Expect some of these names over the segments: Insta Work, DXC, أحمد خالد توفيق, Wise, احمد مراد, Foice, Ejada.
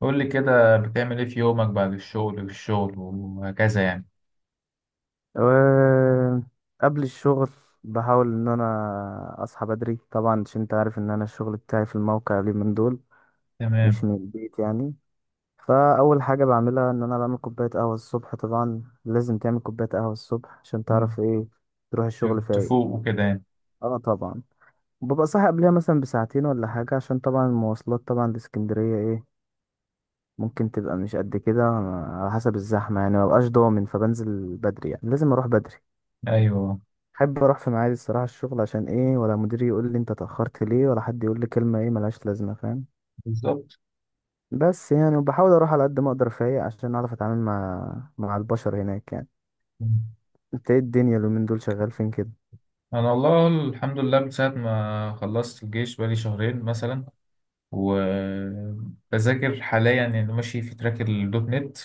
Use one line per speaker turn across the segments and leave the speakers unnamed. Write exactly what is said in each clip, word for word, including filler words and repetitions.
قول لي كده بتعمل ايه في يومك بعد الشغل والشغل وهكذا يعني؟
أه، قبل الشغل بحاول ان انا اصحى بدري طبعا عشان انت عارف ان انا الشغل بتاعي في الموقع اليومين دول مش
تمام.
من البيت يعني. فاول حاجه بعملها ان انا بعمل كوبايه قهوه الصبح، طبعا لازم تعمل كوبايه قهوه الصبح عشان
مم.
تعرف ايه، تروح
ت-
الشغل فايق.
تفوق وكده يعني.
اه طبعا، ببقى صاحي قبلها مثلا بساعتين ولا حاجه، عشان طبعا المواصلات طبعا لاسكندريه ايه، ممكن تبقى مش قد كده على حسب الزحمه يعني، مبقاش ضامن، فبنزل بدري يعني لازم اروح بدري.
ايوه.
احب اروح في ميعادي الصراحه الشغل، عشان ايه ولا مديري يقول لي انت اتاخرت ليه ولا حد يقول لي كلمه ايه ملهاش لازمه، فاهم؟
بالظبط.
بس يعني وبحاول اروح على قد ما اقدر فايق عشان اعرف اتعامل مع مع البشر هناك يعني.
مم.
انت ايه الدنيا اليومين دول شغال فين كده؟
انا والله الحمد لله من ساعة ما خلصت الجيش بقالي شهرين مثلا، وبذاكر حاليا يعني ماشي في تراك الدوت نت.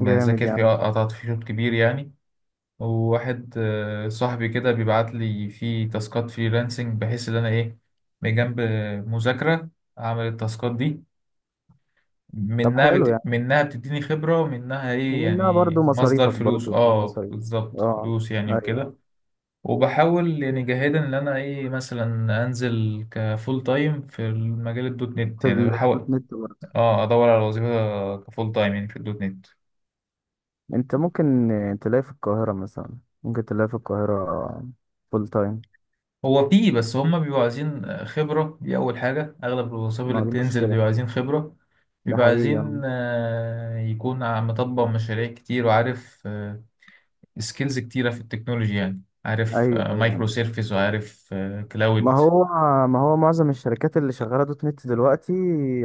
جامد
فيه،
يعني.
قطعت فيه شوط كبير يعني. وواحد آه، صاحبي كده بيبعت لي فيه تاسكات فريلانسنج بحيث ان انا ايه، بجنب مذاكرة اعمل التاسكات دي،
طب
منها
حلو
بت...
يعني،
منها بتديني خبرة، ومنها ايه
ومنها
يعني
برضو
مصدر
مصاريفك،
فلوس،
برضو في
اه
مصاريف.
بالظبط
اه،
فلوس يعني وكده.
ايوه،
وبحاول يعني جاهدا ان انا ايه مثلا انزل كفول تايم في المجال الدوت نت
في
يعني،
الدوت
بحاول
نت برضو؟
اه ادور على وظيفة كفول تايم يعني في الدوت نت.
انت ممكن تلاقي في القاهره مثلا، ممكن تلاقي في القاهره فول تايم.
هو فيه، بس هما بيبقوا عايزين خبرة، دي أول حاجة. أغلب الوظائف اللي
ما دي
بتنزل
مشكله،
بيبقوا عايزين خبرة،
ده
بيبقوا
حقيقي
عايزين
يعني.
آه، يكون عم- مطبق مشاريع كتير، وعارف آه، سكيلز كتيرة في التكنولوجي يعني، عارف
ايوه
آه،
ايوه،
مايكرو سيرفيس، وعارف آه،
ما
كلاود.
هو ما هو معظم الشركات اللي شغاله دوت نت دلوقتي،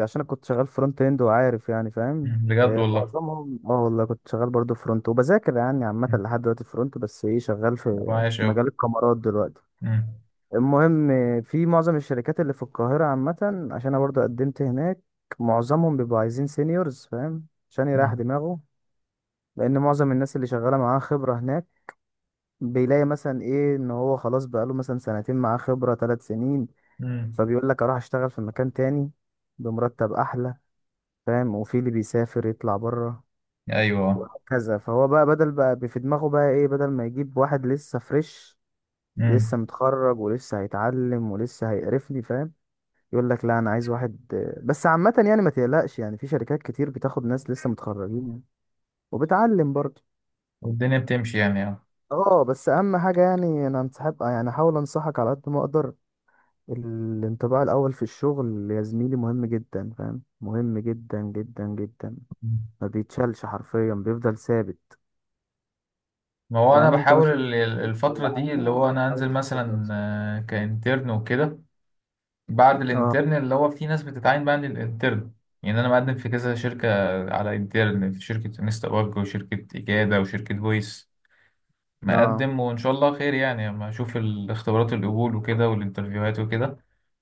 عشان انا كنت شغال فرونت اند وعارف يعني، فاهم؟
مم. بجد
إيه،
والله.
معظمهم اه والله كنت شغال برضو فرونت وبذاكر يعني عامه
مم.
لحد دلوقتي فرونت، بس ايه شغال في
أبقى عايش
في
أوي.
مجال الكاميرات دلوقتي.
مم.
المهم إيه، في معظم الشركات اللي في القاهره عامه، عشان انا برضو قدمت هناك، معظمهم بيبقوا عايزين سينيورز، فاهم؟ عشان يريح
مم.
دماغه، لان معظم الناس اللي شغاله معاه خبره هناك بيلاقي مثلا ايه، ان هو خلاص بقاله مثلا سنتين معاه خبره ثلاث سنين
مم.
فبيقول لك اروح اشتغل في مكان تاني بمرتب احلى، فاهم؟ وفي اللي بيسافر يطلع بره
أيوه.
وهكذا. فهو بقى بدل بقى في دماغه بقى ايه، بدل ما يجيب واحد لسه فريش لسه
مم.
متخرج ولسه هيتعلم ولسه هيقرفني، فاهم؟ يقول لك لا، انا عايز واحد. بس عامة يعني ما تقلقش يعني، في شركات كتير بتاخد ناس لسه متخرجين يعني وبتعلم برضه.
والدنيا بتمشي يعني، اه.
اه، بس اهم حاجة يعني، انا انصحك يعني، احاول انصحك على قد ما اقدر. الانطباع الأول في الشغل يا زميلي مهم جدا، فاهم؟ مهم جدا جدا جدا،
مم.
ما بيتشالش حرفيا، بيفضل ثابت.
ما هو أنا
يعني انت
بحاول
مثلا
ال- ال-
مبروك
الفترة
ولا
دي
حاجة،
اللي هو أنا
حاول
أنزل
تثبت
مثلا
نفسك.
آه، كإنترن وكده، بعد
اه،
الإنترن اللي هو في ناس بتتعين بقى للإنترن. يعني أنا مقدم في كذا شركة، على إنترن في شركة انستا وورك وشركة إجادة وشركة فويس،
اه،
مقدم وإن شاء الله خير يعني، أما أشوف الاختبارات القبول وكده والانترفيوهات وكده.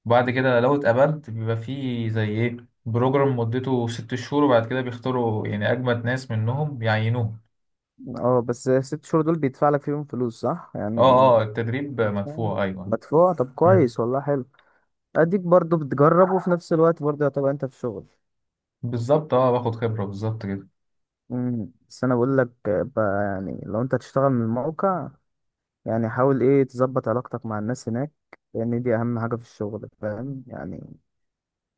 وبعد كده لو اتقبلت بيبقى فيه زي إيه، بروجرام مدته ست شهور، وبعد كده بيختاروا يعني أجمد ناس منهم يعينوهم.
اه، بس الست شهور دول بيدفع لك فيهم فلوس صح
اه،
يعني؟
اه، التدريب
مدفوع،
مدفوع، أيوه.
مدفوع، طب
مم.
كويس والله، حلو. اديك برضو بتجرب وفي نفس الوقت برضو يعتبر انت في شغل.
بالظبط، اه باخد خبرة بالظبط كده.
امم، بس انا بقول لك بقى يعني، لو انت تشتغل من الموقع يعني، حاول ايه تظبط علاقتك مع الناس هناك، لان دي اهم حاجة في الشغل، فاهم يعني؟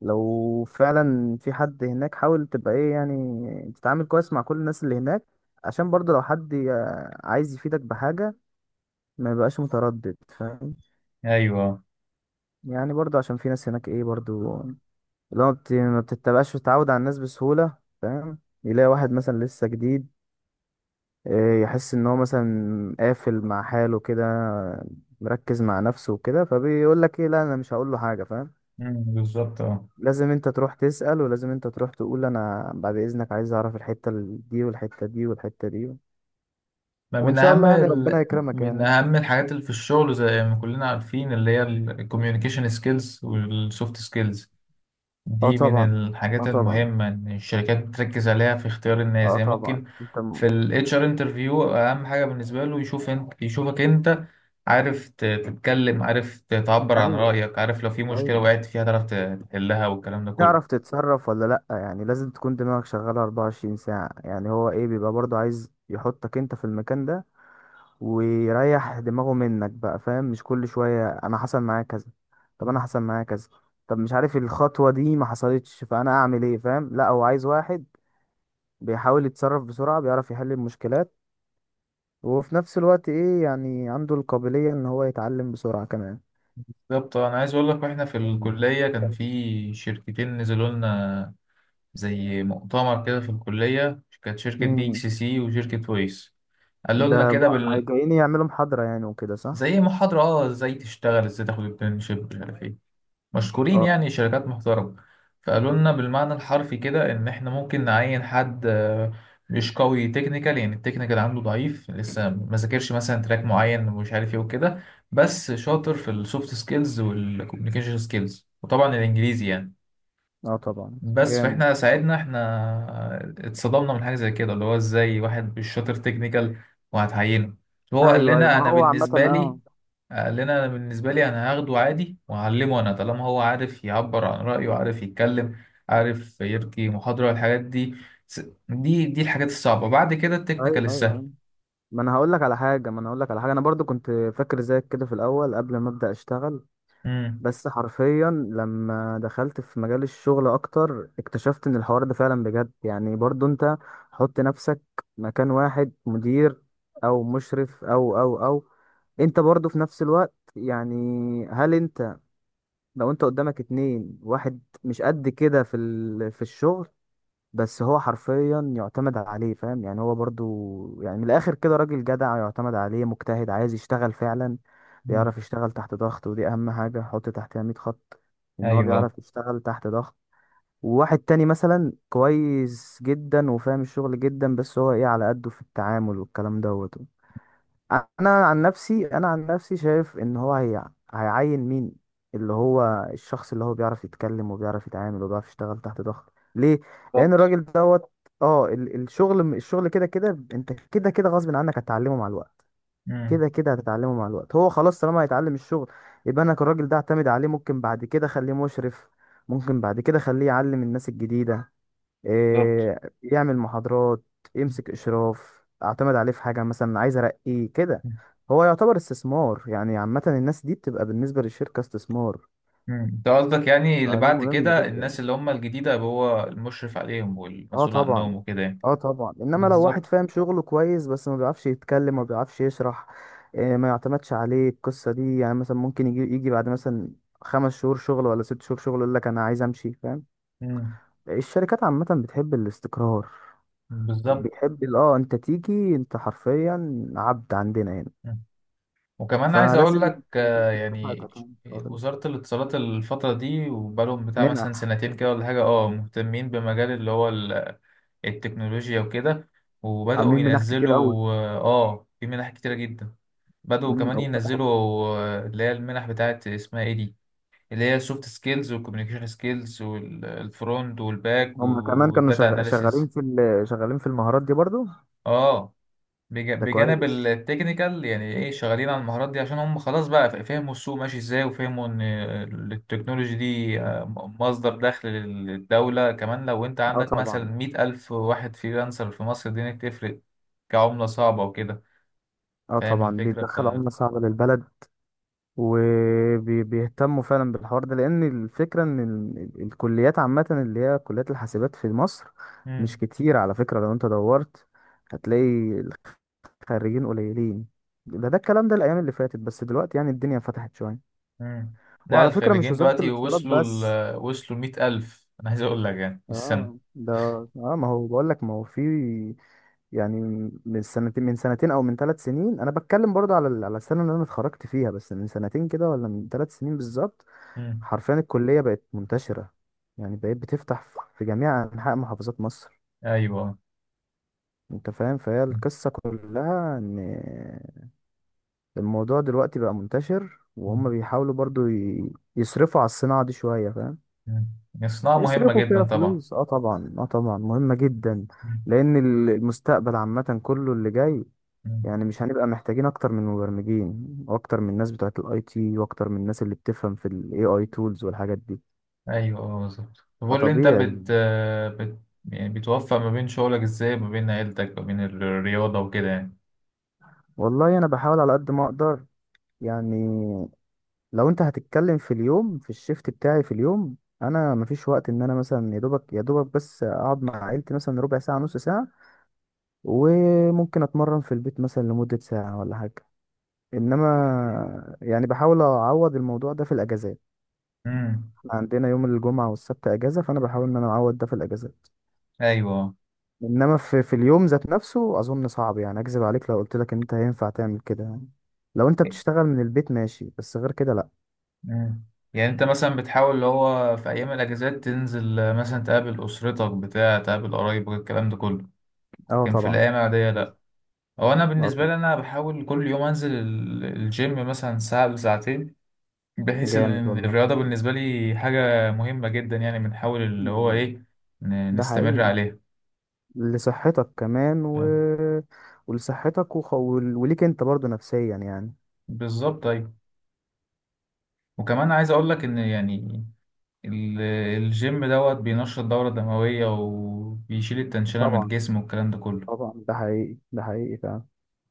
لو فعلا في حد هناك حاول تبقى ايه يعني، تتعامل كويس مع كل الناس اللي هناك، عشان برضه لو حد ي- عايز يفيدك بحاجة ما يبقاش متردد، فاهم؟
أيوه آه.
يعني برضه عشان في ناس هناك ايه برضه، لو ما بت- ما بتتبقاش تتعود على الناس بسهولة، فاهم؟ يلاقي واحد مثلا لسه جديد، إيه، يحس ان هو مثلا قافل مع حاله كده، مركز مع نفسه وكده، فبيقول لك ايه، لا انا مش هقول له حاجه، فاهم؟
مم، بالظبط اه.
لازم انت تروح تسأل، ولازم انت تروح تقول انا بعد اذنك عايز اعرف الحته ال- دي والحته دي والحته دي.
ما
وان
من
شاء
أهم
الله يعني ربنا
ال...
يكرمك
من
يعني.
أهم الحاجات اللي في الشغل زي ما كلنا عارفين اللي هي الكوميونيكيشن سكيلز والسوفت سكيلز،
اه
دي من
طبعا، اه
الحاجات
طبعا،
المهمة إن الشركات بتركز عليها في اختيار الناس
اه
يعني.
طبعا
ممكن
انت م...
في ال اتش آر interview أهم حاجة بالنسبة له يشوف انت، يشوفك أنت عارف ت- تتكلم، عارف ت- تعبر عن
ايوه
رأيك، عارف لو في مشكلة
ايوه،
وقعت فيها تعرف ت- تحلها والكلام ده
تعرف
كله.
تتصرف ولا لا يعني، لازم تكون دماغك شغاله اربع وعشرين ساعه يعني. هو ايه بيبقى برضه عايز يحطك انت في المكان ده، ويريح دماغه منك بقى، فاهم؟ مش كل شوية انا حصل معايا كذا، طب انا حصل معايا كذا، طب مش عارف الخطوة دي ما حصلتش فانا اعمل ايه، فاهم؟ لا هو عايز واحد بيحاول يتصرف بسرعة، بيعرف يحل المشكلات، وفي نفس الوقت ايه يعني، عنده القابلية ان هو يتعلم بسرعة كمان.
بالظبط. أنا عايز أقول لك، وإحنا في
امم،
الكلية كان في شركتين نزلوا لنا زي مؤتمر كده في الكلية، كانت شركة دي إكس سي وشركة ويس. قالوا لنا
ده
كده
م-
بال...
جايين يعملوا محاضرة يعني وكده، صح؟
زي محاضرة، اه، ازاي تشتغل، ازاي تاخد internship مش عارف ايه، مشكورين يعني
اه،
شركات محترمة. فقالوا لنا بالمعنى الحرفي كده إن إحنا ممكن نعين حد آه، مش قوي تكنيكال يعني، التكنيكال عنده ضعيف، لسه ما ذاكرش مثلا تراك معين ومش عارف إيه وكده، بس شاطر في السوفت سكيلز والكوميونيكيشن سكيلز وطبعا الإنجليزي يعني.
اه طبعا،
بس
جامد.
فإحنا ساعدنا، إحنا اتصدمنا من حاجة زي كده اللي هو إزاي واحد مش شاطر تكنيكال وهتعينه. هو قال
ايوه ايوه،
لنا
ما
أنا
هو عامة
بالنسبة لي،
اه.
قال لنا انا بالنسبه لي انا هاخده عادي وهعلمه، انا طالما هو عارف يعبر عن رايه، عارف يتكلم، عارف يلقي محاضره، الحاجات دي س- دي دي الحاجات الصعبه، بعد كده التكنيكال
ايوه
السهل.
ايوه، ما انا هقول لك على حاجه، ما انا هقول لك على حاجه، انا برضو كنت فاكر زيك كده في الاول قبل ما ابدا اشتغل،
امم
بس حرفيا لما دخلت في مجال الشغل اكتر اكتشفت ان الحوار ده فعلا بجد يعني. برضو انت حط نفسك مكان واحد مدير او مشرف او او او انت برضو في نفس الوقت يعني، هل انت، لو انت قدامك اتنين، واحد مش قد كده في ال... في الشغل بس هو حرفيا يعتمد عليه، فاهم يعني؟ هو برضو يعني من الاخر كده راجل جدع، يعتمد عليه، مجتهد، عايز يشتغل فعلا، بيعرف يشتغل تحت ضغط، ودي اهم حاجة حط تحتها مية خط، ان هو
ايوه
بيعرف يشتغل تحت ضغط. وواحد تاني مثلا كويس جدا وفاهم الشغل جدا، بس هو ايه، على قده في التعامل والكلام دوت. انا عن نفسي، انا عن نفسي شايف ان هو هي هيعين مين؟ اللي هو الشخص اللي هو بيعرف يتكلم وبيعرف يتعامل وبيعرف يشتغل تحت ضغط. ليه؟ لان
بالظبط.
الراجل دوت اه ال- الشغل، الشغل كده كده انت كده كده غصب عنك هتتعلمه مع الوقت،
امم
كده كده هتتعلمه مع الوقت، هو خلاص طالما هيتعلم الشغل يبقى انا الراجل ده اعتمد عليه. ممكن بعد كده اخليه مشرف، ممكن بعد كده اخليه يعلم الناس الجديدة،
بالظبط.
إيه يعمل محاضرات، يمسك إشراف، أعتمد عليه في حاجة مثلا، عايز أرقيه كده. هو يعتبر استثمار يعني، عامة الناس دي بتبقى بالنسبة للشركة استثمار،
انت قصدك يعني اللي
فدي
بعد
مهمة
كده
جدا.
الناس اللي هم الجديده يبقى هو المشرف عليهم
اه
والمسؤول
طبعا،
عنهم وكده يعني.
اه طبعا، انما لو واحد
بالظبط.
فاهم شغله كويس بس ما بيعرفش يتكلم ما بيعرفش يشرح، آه، ما يعتمدش عليه القصة دي يعني. مثلا ممكن يجي يجي بعد مثلا خمس شهور شغل ولا ست شهور شغل يقول لك انا عايز امشي، فاهم؟
مم.
الشركات عامة بتحب الاستقرار،
بالظبط.
بيحب ال- اه انت تيجي، انت حرفيا عبد عندنا هنا،
وكمان عايز اقول
فلازم
لك آه،
تثبت
يعني
كفاءتك يعني، فاهم؟
وزارة الاتصالات الفترة دي وبقالهم بتاع
منح،
مثلا سنتين كده ولا حاجة، اه مهتمين بمجال اللي هو ال- التكنولوجيا وكده، وبدأوا
عاملين منح كتير قوي.
ينزلوا اه آه، في منح كتيرة جدا. بدأوا
مم،
كمان
او فتحوا.
ينزلوا آه، اللي هي المنح بتاعت اسمها ايه دي، اللي هي السوفت سكيلز والكوميونيكيشن سكيلز والفرونت والباك
هم كمان كانوا
والداتا
شغ... شغالين
اناليسيز،
في ال... شغالين في المهارات دي برضو.
اه بج-
ده
بجانب
كويس.
التكنيكال يعني ايه، شغالين على المهارات دي عشان هم خلاص بقى ف- فهموا السوق ماشي ازاي، وفهموا ان التكنولوجي دي مصدر دخل للدولة كمان. لو انت
اه
عندك مثلا
طبعا،
مئة ألف واحد فريلانسر في مصر دي تفرق كعملة صعبة وكده،
اه
فاهم
طبعا،
الفكرة ف
بيدخل عملة صعبة للبلد. وبيهتموا فعلا بالحوار ده، لان الفكرة ان ال... ال- الكليات عامة اللي هي كليات الحاسبات في مصر مش
مم.
كتير، على فكرة لو انت دورت هتلاقي خريجين قليلين. ده ده الكلام ده الايام اللي فاتت، بس دلوقتي يعني الدنيا فتحت شويه.
مم. لا،
وعلى فكره مش
الخريجين
وزاره
دلوقتي
الاتصالات
وصلوا،
بس.
ل... وصلوا مئة ألف، أنا عايز أقول لك يعني في السنة.
اه ده، اه ما هو بقول لك، ما هو في يعني، من سنتين من سنتين او من ثلاث سنين، انا بتكلم برضه على ال- على السنه اللي انا اتخرجت فيها، بس من سنتين كده ولا من ثلاث سنين بالظبط.
مم.
حرفيا الكليه بقت منتشره، يعني بقيت بتفتح في في جميع انحاء محافظات مصر،
أيوه.
انت فاهم؟ فهي
مم.
القصه كلها ان الموضوع دلوقتي بقى منتشر،
مم.
وهم بيحاولوا برضو ي- يصرفوا على الصناعة دي شوية، فاهم؟
مم. الصناعة مهمة
يصرفوا فيها
جدا طبعا.
فلوس. اه طبعا، اه طبعا، مهمة جدا،
مم.
لأن ال- المستقبل عامة كله اللي جاي،
مم.
يعني مش هنبقى محتاجين أكتر من مبرمجين وأكتر من الناس بتوعة ال اي تي وأكتر من الناس اللي بتفهم في ال ايه اي tools والحاجات دي،
ايوه اه بالظبط. طب قول لي انت بت,
فطبيعي.
آه، بت... يعني بتوفق ما بين شغلك ازاي، ما بين عيلتك، ما بين الرياضة وكده يعني.
والله أنا بحاول على قد ما أقدر يعني. لو انت هتتكلم في اليوم، في الشيفت بتاعي في اليوم انا مفيش وقت ان انا مثلا يا دوبك يا دوبك بس اقعد مع عيلتي مثلا ربع ساعه نص ساعه، وممكن اتمرن في البيت مثلا لمده ساعه ولا حاجه. انما يعني بحاول اعوض الموضوع ده في الاجازات،
امم
احنا عندنا يوم الجمعه والسبت اجازه، فانا بحاول ان انا اعوض ده في الاجازات.
ايوه.
انما في في اليوم ذات نفسه اظن صعب، يعني اكذب عليك لو قلت لك ان انت هينفع تعمل كده يعني. لو انت بتشتغل من البيت ماشي، بس غير كده لا.
امم يعني انت مثلا بتحاول اللي هو في ايام الاجازات تنزل آه، مثلا تقابل اسرتك بتاع، تقابل قرايبك الكلام ده كله،
اه
لكن في
طبعا،
الايام العادية لا. هو انا
اه
بالنسبة
طبعا.
لي انا بحاول كل يوم انزل ال- الجيم مثلا ساعة لساعتين، بحيث
جامد
ان
والله.
الرياضة بالنسبة لي حاجة مهمة جدا يعني، بنحاول اللي هو
مم.
ايه ن-
ده
نستمر
حقيقي،
عليها.
لصحتك كمان و...
آه.
ولصحتك وخ... وليك انت برضو نفسيا يعني.
بالظبط، ايوه. وكمان عايز اقول لك ان يعني ال- الجيم دوت بينشط الدورة الدموية وبيشيل التنشنة من
طبعا،
الجسم والكلام ده كله.
طبعا، ده حقيقي، ده حقيقي فعلا.